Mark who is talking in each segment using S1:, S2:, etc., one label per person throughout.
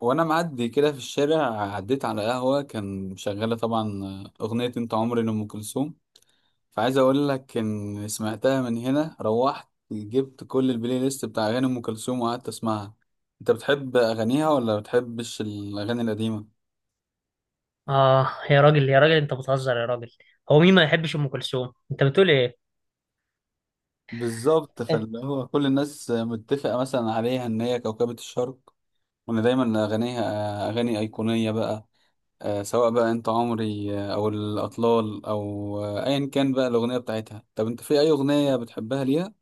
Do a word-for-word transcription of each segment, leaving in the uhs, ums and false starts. S1: وانا معدي كده في الشارع، عديت على قهوه كان شغاله طبعا اغنيه انت عمري لام كلثوم. فعايز اقول لك ان سمعتها من هنا روحت جبت كل البلاي ليست بتاع اغاني ام كلثوم وقعدت اسمعها. انت بتحب اغانيها ولا بتحبش الاغاني القديمه؟
S2: اه، يا راجل يا راجل، انت بتهزر يا راجل. هو مين ما يحبش ام كلثوم؟ انت بتقول ايه؟
S1: بالظبط،
S2: أنت-
S1: فاللي هو كل الناس متفقه مثلا عليها ان هي كوكبه الشرق، وان دايما اغانيها اغاني ايقونيه بقى. آه، سواء بقى انت عمري، آه، او الاطلال، او آه، ايا كان بقى الاغنيه بتاعتها. طب انت في اي اغنيه بتحبها ليها؟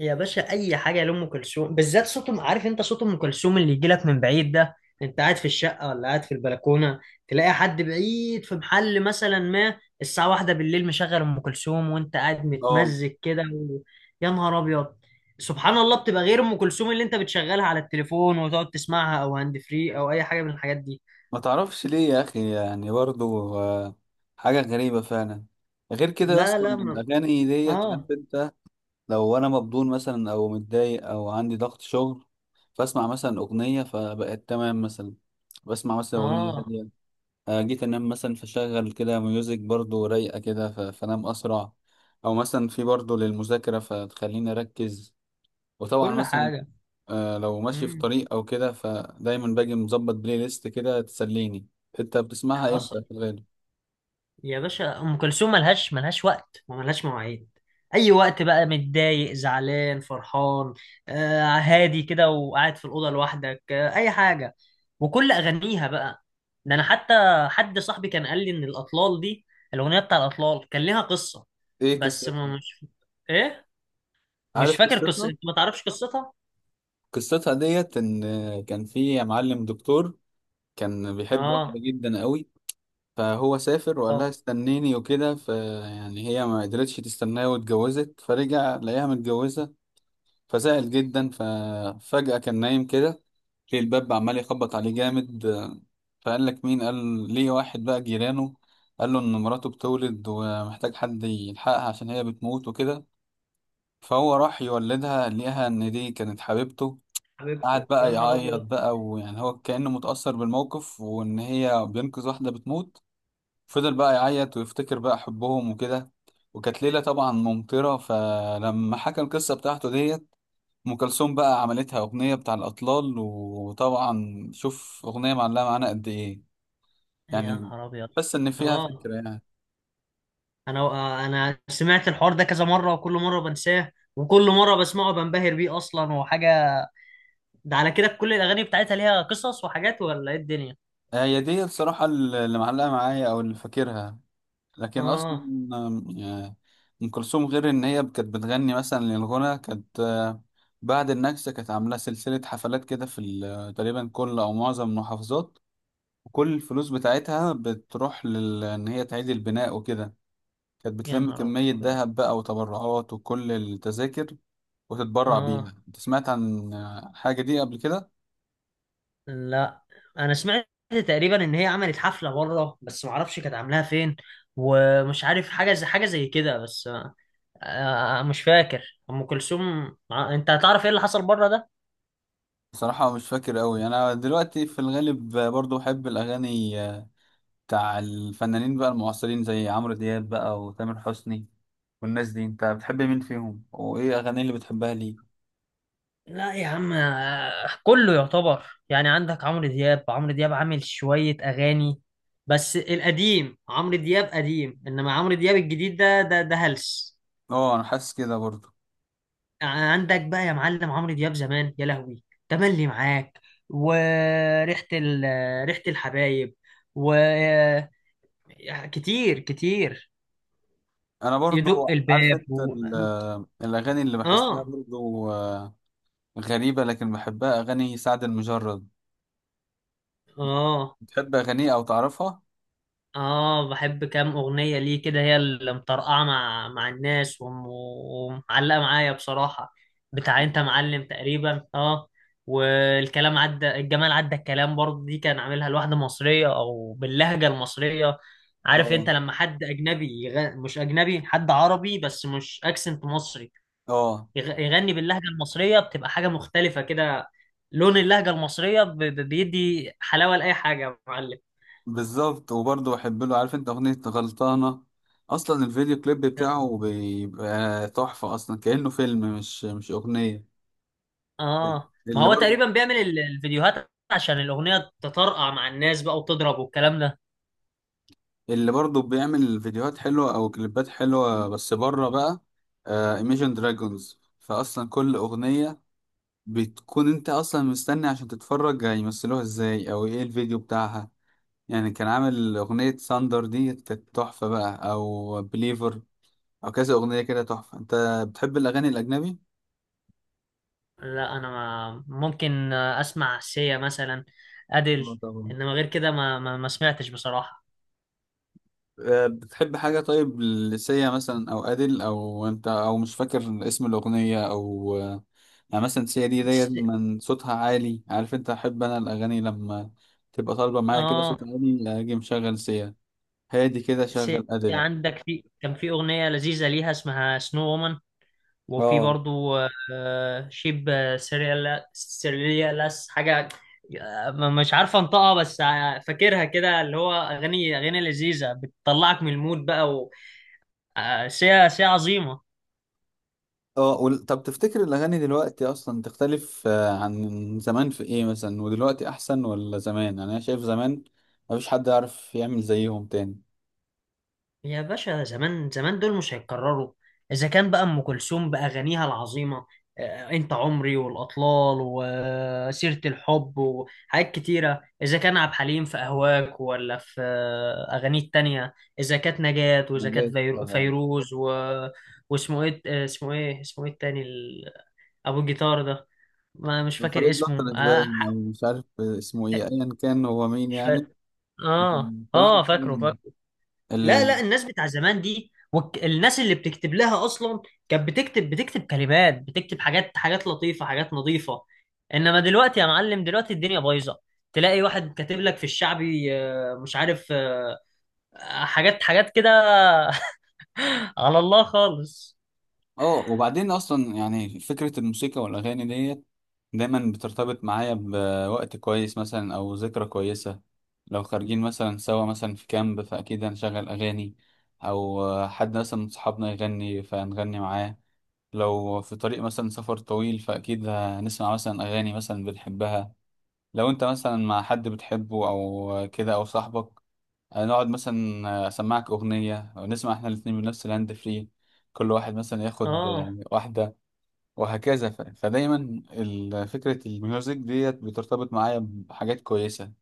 S2: يا باشا، اي حاجه لام كلثوم بالذات. صوت أم- عارف انت صوت ام كلثوم اللي يجي لك من بعيد ده، انت قاعد في الشقه ولا قاعد في البلكونه، تلاقي حد بعيد في محل مثلا ما الساعه واحدة بالليل مشغل ام كلثوم وانت قاعد
S1: اه،
S2: متمزج كده و... يا نهار ابيض. سبحان الله، بتبقى غير ام كلثوم اللي انت بتشغلها على التليفون وتقعد تسمعها او هاند فري او اي حاجه من الحاجات دي.
S1: ما تعرفش ليه يا اخي، يعني برضو آه، حاجه غريبه فعلا. غير كده يا
S2: لا
S1: اسطى،
S2: لا
S1: إن
S2: ما...
S1: الاغاني ديت، عارف
S2: اه.
S1: انت، لو انا مبدون مثلا او متضايق او عندي ضغط شغل، فاسمع مثلا اغنيه فبقت تمام مثلا، بسمع مثلا اغنيه
S2: اه،
S1: هادية. آه، جيت انام مثلا فشغل كده ميوزك برضو رايقه كده ف- فانام اسرع. او مثلا في برضو للمذاكره فتخليني اركز. وطبعا
S2: كل
S1: مثلا
S2: حاجه.
S1: آه، لو ماشي في
S2: مم.
S1: طريق او كده فدايما باجي مظبط بلاي ليست كده تسليني. انت بتسمعها امتى
S2: حصل.
S1: في الغالب؟
S2: يا باشا، ام كلثوم ملهاش ملهاش وقت وملهاش مواعيد. اي وقت بقى، متضايق، زعلان، فرحان، آه هادي كده وقاعد في الاوضه لوحدك، آه اي حاجه. وكل اغانيها بقى. ده انا حتى حد صاحبي كان قال لي ان الاطلال دي، الاغنيه بتاع الاطلال، كان ليها قصه.
S1: ايه
S2: بس ما
S1: قصتها؟
S2: مش ايه، مش
S1: عارف
S2: فاكر قصه.
S1: قصتها.
S2: انت ما تعرفش قصتها؟
S1: قصتها ديت ان آه، كان في معلم دكتور كان بيحب واحده
S2: اه.
S1: جدا قوي. فهو سافر وقال
S2: اه.
S1: لها استنيني وكده، فيعني هي ما قدرتش تستناه واتجوزت، فرجع لقاها متجوزة. فزعل جدا، ففجأة كان نايم كده ليه الباب عمال يخبط عليه جامد. فقال لك مين؟ قال ليه واحد بقى جيرانه، قال له إن مراته بتولد ومحتاج حد يلحقها عشان هي بتموت وكده. فهو راح يولدها لقاها إن دي كانت حبيبته. قعد
S2: حبيبته، يا
S1: بقى
S2: نهار
S1: يعيط
S2: ابيض.
S1: بقى، ويعني هو كأنه متأثر بالموقف وإن هي بينقذ واحدة بتموت. فضل بقى يعيط ويفتكر بقى حبهم وكده. وكانت ليلة طبعا ممطرة، فلما حكى القصة بتاعته ديت ام كلثوم بقى عملتها اغنيه بتاع الاطلال. وطبعا شوف اغنيه معلقه معانا قد ايه
S2: يا
S1: يعني،
S2: نهار ابيض.
S1: بس ان فيها
S2: اه،
S1: فكره يعني.
S2: انا انا سمعت الحوار ده كذا مره، وكل مره بنساه وكل مره بسمعه بنبهر بيه اصلا وحاجه. ده على كده كل الاغاني بتاعتها ليها قصص وحاجات ولا ايه الدنيا؟
S1: هي دي بصراحه اللي معلقه معايا او اللي فاكرها. لكن
S2: اه.
S1: اصلا، آه، ام كلثوم غير ان هي كانت بتغني مثلا للغنى، كانت آه، بعد النكسه كانت عامله سلسله حفلات كده في ال- تقريبا كل او معظم المحافظات. وكل الفلوس بتاعتها بتروح لل ان هي تعيد البناء وكده. كانت
S2: يا
S1: بتلم
S2: نهار
S1: كمية
S2: ابيض.
S1: ذهب بقى وتبرعات وكل التذاكر وتتبرع
S2: اه.
S1: بيها. انت سمعت عن حاجة دي قبل كده؟
S2: لا، انا سمعت تقريبا ان هي عملت حفله بره، بس ما اعرفش كانت عاملاها فين. ومش عارف، حاجه زي حاجه زي كده بس. آه، مش فاكر. ام كلثوم مع- انت هتعرف ايه اللي حصل بره ده؟
S1: بصراحة مش فاكر قوي. انا دلوقتي في الغالب برضو بحب الاغاني بتاع الفنانين بقى المعاصرين زي عمرو دياب بقى وتامر حسني والناس دي. انت بتحب مين فيهم وايه اغاني اللي بتحبها ليه؟
S2: لا يا عم، آه، كله يعتبر. يعني عندك عمرو دياب، عمرو دياب عامل شوية أغاني بس القديم. عمرو دياب قديم، إنما عمرو دياب الجديد ده ده ده هلس.
S1: اه، انا حاسس كده برضو.
S2: عندك بقى يا معلم عمرو دياب زمان، يا لهوي. تملي معاك. وريحة ال... ريحة الحبايب. و كتير كتير.
S1: انا برضو،
S2: يدق
S1: عارف
S2: الباب
S1: انت،
S2: و...
S1: ال- الاغاني اللي بحسها
S2: آه.
S1: برضو آه، غريبة لكن بحبها، اغاني سعد المجرد.
S2: آه.
S1: بتحب اغانيه او تعرفها؟
S2: اه، بحب كام اغنيه ليه كده، هي اللي مطرقعه مع مع الناس وم- ومعلقه معايا بصراحه. بتاع انت معلم تقريبا، اه. والكلام عدى، الجمال عدى، الكلام برضه، دي كان عاملها لواحده مصريه او باللهجه المصريه. عارف
S1: اه.
S2: انت لما حد اجنبي يغ... مش اجنبي، حد عربي بس مش اكسنت مصري،
S1: اه،
S2: يغ... يغني باللهجه المصريه، بتبقى حاجه مختلفه كده. لون اللهجه المصريه ب... ب- بيدي حلاوه لاي حاجه يا معلم.
S1: بالظبط. وبرضه بحب له، عارف انت، اغنية غلطانة. اصلا الفيديو كليب
S2: آه.
S1: بتاعه بيبقى تحفة، اصلا كأنه فيلم مش مش اغنية.
S2: اه، ما
S1: اللي
S2: هو
S1: برضه،
S2: تقريبا بيعمل ال- الفيديوهات عشان الأغنية تطرقع مع الناس بقى وتضرب والكلام ده.
S1: اللي برضه بيعمل فيديوهات حلوة او كليبات حلوة بس بره بقى، ايميجن دراجونز. فاصلا كل اغنية بتكون انت اصلا مستني عشان تتفرج هيمثلوها ازاي او ايه الفيديو بتاعها. يعني كان عامل اغنية ساندر دي كانت تحفة بقى، او بليفر، او كذا اغنيه كده تحفه. انت بتحب الاغاني الاجنبي؟
S2: لا، أنا ما ممكن أسمع سيا مثلا،
S1: اه
S2: أديل.
S1: طبعا.
S2: إنما غير كده ما ما, ما سمعتش بصراحة.
S1: أه، بتحب حاجه طيب لسيا مثلا او ادل، او انت او مش فاكر اسم الاغنيه او أه، يعني مثلا سيا دي ديت
S2: بس.
S1: من صوتها عالي، عارف انت، احب انا الاغاني لما تبقى طالبه معايا كده صوت
S2: اه.
S1: عالي اجي مشغل سيا. هادي كده
S2: سيا.
S1: شغل ادل.
S2: عندك، في كان في أغنية لذيذة ليها اسمها سنو وومن. وفي
S1: اه.
S2: برضو آه، شيب سيريال سيريالاس حاجة. آه، مش عارفه انطقها، بس آه، فاكرها كده. اللي هو اغاني، اغاني لذيذه بتطلعك من المود بقى. آه، شيء شيء عظيمة.
S1: اه، وال- طب تفتكر الاغاني دلوقتي اصلا تختلف آه، عن زمان في ايه مثلا، ودلوقتي احسن ولا زمان؟ يعني انا شايف زمان مفيش حد يعرف يعمل زيهم تاني.
S2: يا باشا، زمان زمان دول مش هيتكرروا. إذا كان بقى أم كلثوم بأغانيها العظيمة، آه، أنت عمري والأطلال وسيرة الحب وحاجات كتيرة. إذا كان عبد الحليم في أهواك ولا في آه، أغانيه التانية. إذا كانت نجاة، وإذا
S1: نبات
S2: كانت فيرو-
S1: طبعا.
S2: فيروز و... واسمه إيه، آه، اسمه إيه، اسمه إيه التاني ال- أبو الجيتار ده؟ ما مش فاكر
S1: فريد
S2: اسمه.
S1: الأطرش
S2: آه
S1: باين، أو
S2: ح-
S1: مش عارف اسمه إيه، أيا كان هو مين
S2: مش
S1: يعني.
S2: فاكر. آه
S1: لكن بصراحة
S2: آه،
S1: فعلاً
S2: فاكره. لا
S1: ال
S2: لا، الناس بتاع زمان دي والك- الناس اللي بتكتب لها اصلا، كانت بتكتب بتكتب كلمات، بتكتب حاجات، حاجات لطيفه، حاجات نظيفه. انما دلوقتي يا معلم، دلوقتي الدنيا بايظه. تلاقي واحد كاتب لك في الشعبي آه، مش عارف آه، حاجات حاجات كده. على الله خالص.
S1: آه، وبعدين أصلا يعني فكرة الموسيقى والأغاني ديت دايما بترتبط معايا بوقت كويس مثلا أو ذكرى كويسة. لو خارجين مثلا سوا مثلا في كامب فأكيد هنشغل أغاني، أو حد مثلا من صحابنا يغني فهنغني معاه. لو في طريق مثلا سفر طويل فأكيد هنسمع مثلا أغاني مثلا بنحبها. لو انت مثلا مع حد بتحبه او كده او صاحبك، آه، نقعد مثلا، آه، اسمعك اغنية ونسمع احنا الاتنين من نفس الهاند فري، كل واحد مثلا ياخد
S2: اه،
S1: آه، واحدة وهكذا. ف- فدايما ال- فكرة الميوزك ديت بترتبط معايا بحاجات كويسة.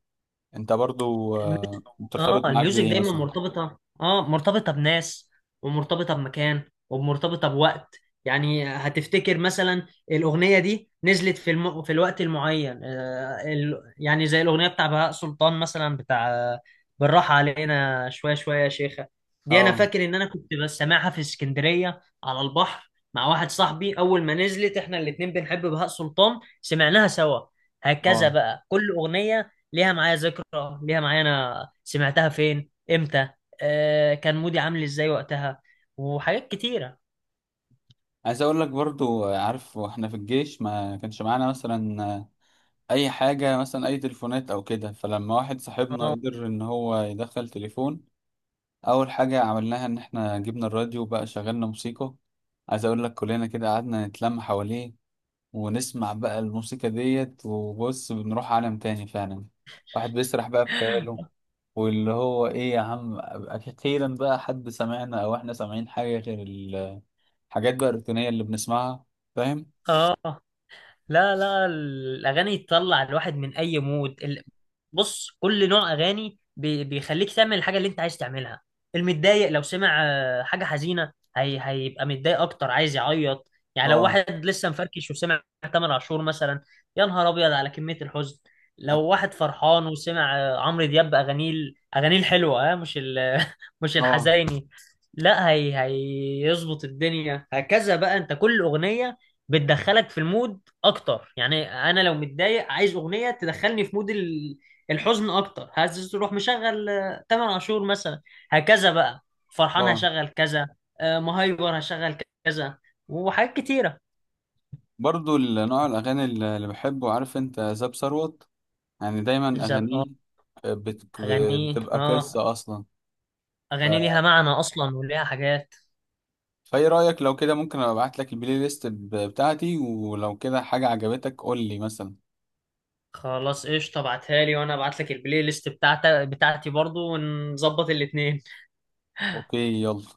S1: انت برضو
S2: الميوزك.
S1: آه،
S2: اه،
S1: بترتبط معاك
S2: الميوزك
S1: بايه
S2: دايما
S1: مثلا؟
S2: مرتبطة، اه مرتبطة بناس، ومرتبطة بمكان، ومرتبطة بوقت. يعني هتفتكر مثلا، الأغنية دي نزلت في الم... في الوقت المعين، آه ال... يعني زي الأغنية بتاع بهاء سلطان مثلا، بتاع آه، بالراحة علينا شوية شوية يا شيخة. دي أنا
S1: اه.
S2: فاكر إن أنا كنت بس سامعها في اسكندرية على البحر مع واحد صاحبي أول ما نزلت، إحنا الاتنين بنحب بهاء سلطان، سمعناها سوا. هكذا
S1: اه،
S2: بقى، كل أغنية ليها معايا ذكرى، ليها معايا انا سمعتها فين امتى، آه كان مودي عامل ازاي وقتها، وحاجات كتيرة.
S1: عايز اقول لك برضو، آه، عارف، واحنا في الجيش ما كانش معانا مثلا آه، اي حاجة مثلا، اي تليفونات او كده. فلما واحد صاحبنا
S2: اه.
S1: قدر ان هو يدخل تليفون، اول حاجه عملناها ان احنا جبنا الراديو بقى شغلنا موسيقى. عايز اقول لك كلنا كده قعدنا نتلم حواليه ونسمع بقى الموسيقى ديت. وبص بنروح عالم تاني فعلا، واحد بيسرح بقى في خياله، واللي هو ايه يا عم اخيرا بقى حد سمعنا او احنا سامعين حاجه غير الحاجات بقى الروتينيه اللي بنسمعها. فاهم؟
S2: اه. آه. لا لا، الأغاني تطلع الواحد من أي مود ال... بص، كل نوع أغاني بي... بيخليك تعمل الحاجة اللي أنت عايز تعملها. المتضايق لو سمع آه، حاجة حزينة هي... هيبقى متضايق أكتر، عايز يعيط. يعني لو
S1: اه.
S2: واحد لسه مفركش وسمع تامر عاشور مثلا، يا نهار أبيض على كمية الحزن. لو
S1: أك-
S2: واحد فرحان وسمع آه، عمرو دياب، أغانيه ال- أغانيه الحلوة، آه، مش ال... مش
S1: اه.
S2: الحزيني. لا هي، هيظبط الدنيا. هكذا بقى، أنت كل أغنية بتدخلك في المود اكتر. يعني انا لو متضايق عايز اغنيه تدخلني في مود ال- الحزن اكتر، عايز تروح مشغل آه، تامر عاشور مثلا. هكذا بقى. فرحان،
S1: اه،
S2: هشغل كذا. آه، مهايبر، هشغل كذا وحاجات كتيره.
S1: برضو ال- نوع الاغاني اللي اللي بحبه، عارف انت، زاب ثروت. يعني دايما
S2: بالظبط اه.
S1: اغانيه بت-
S2: اغاني،
S1: بتبقى
S2: اه
S1: قصة أصلا. ف-
S2: اغاني ليها معنى اصلا وليها حاجات.
S1: فايه رأيك لو كده ممكن ابعت لك البلاي ليست ب- بتاعتي، ولو كده حاجة عجبتك قول لي مثلا.
S2: خلاص قشطه، ابعتها لي وانا ابعت لك البلاي ليست بتاعتي، بتاعتي برضو، ونظبط الاتنين.
S1: اوكي يلا.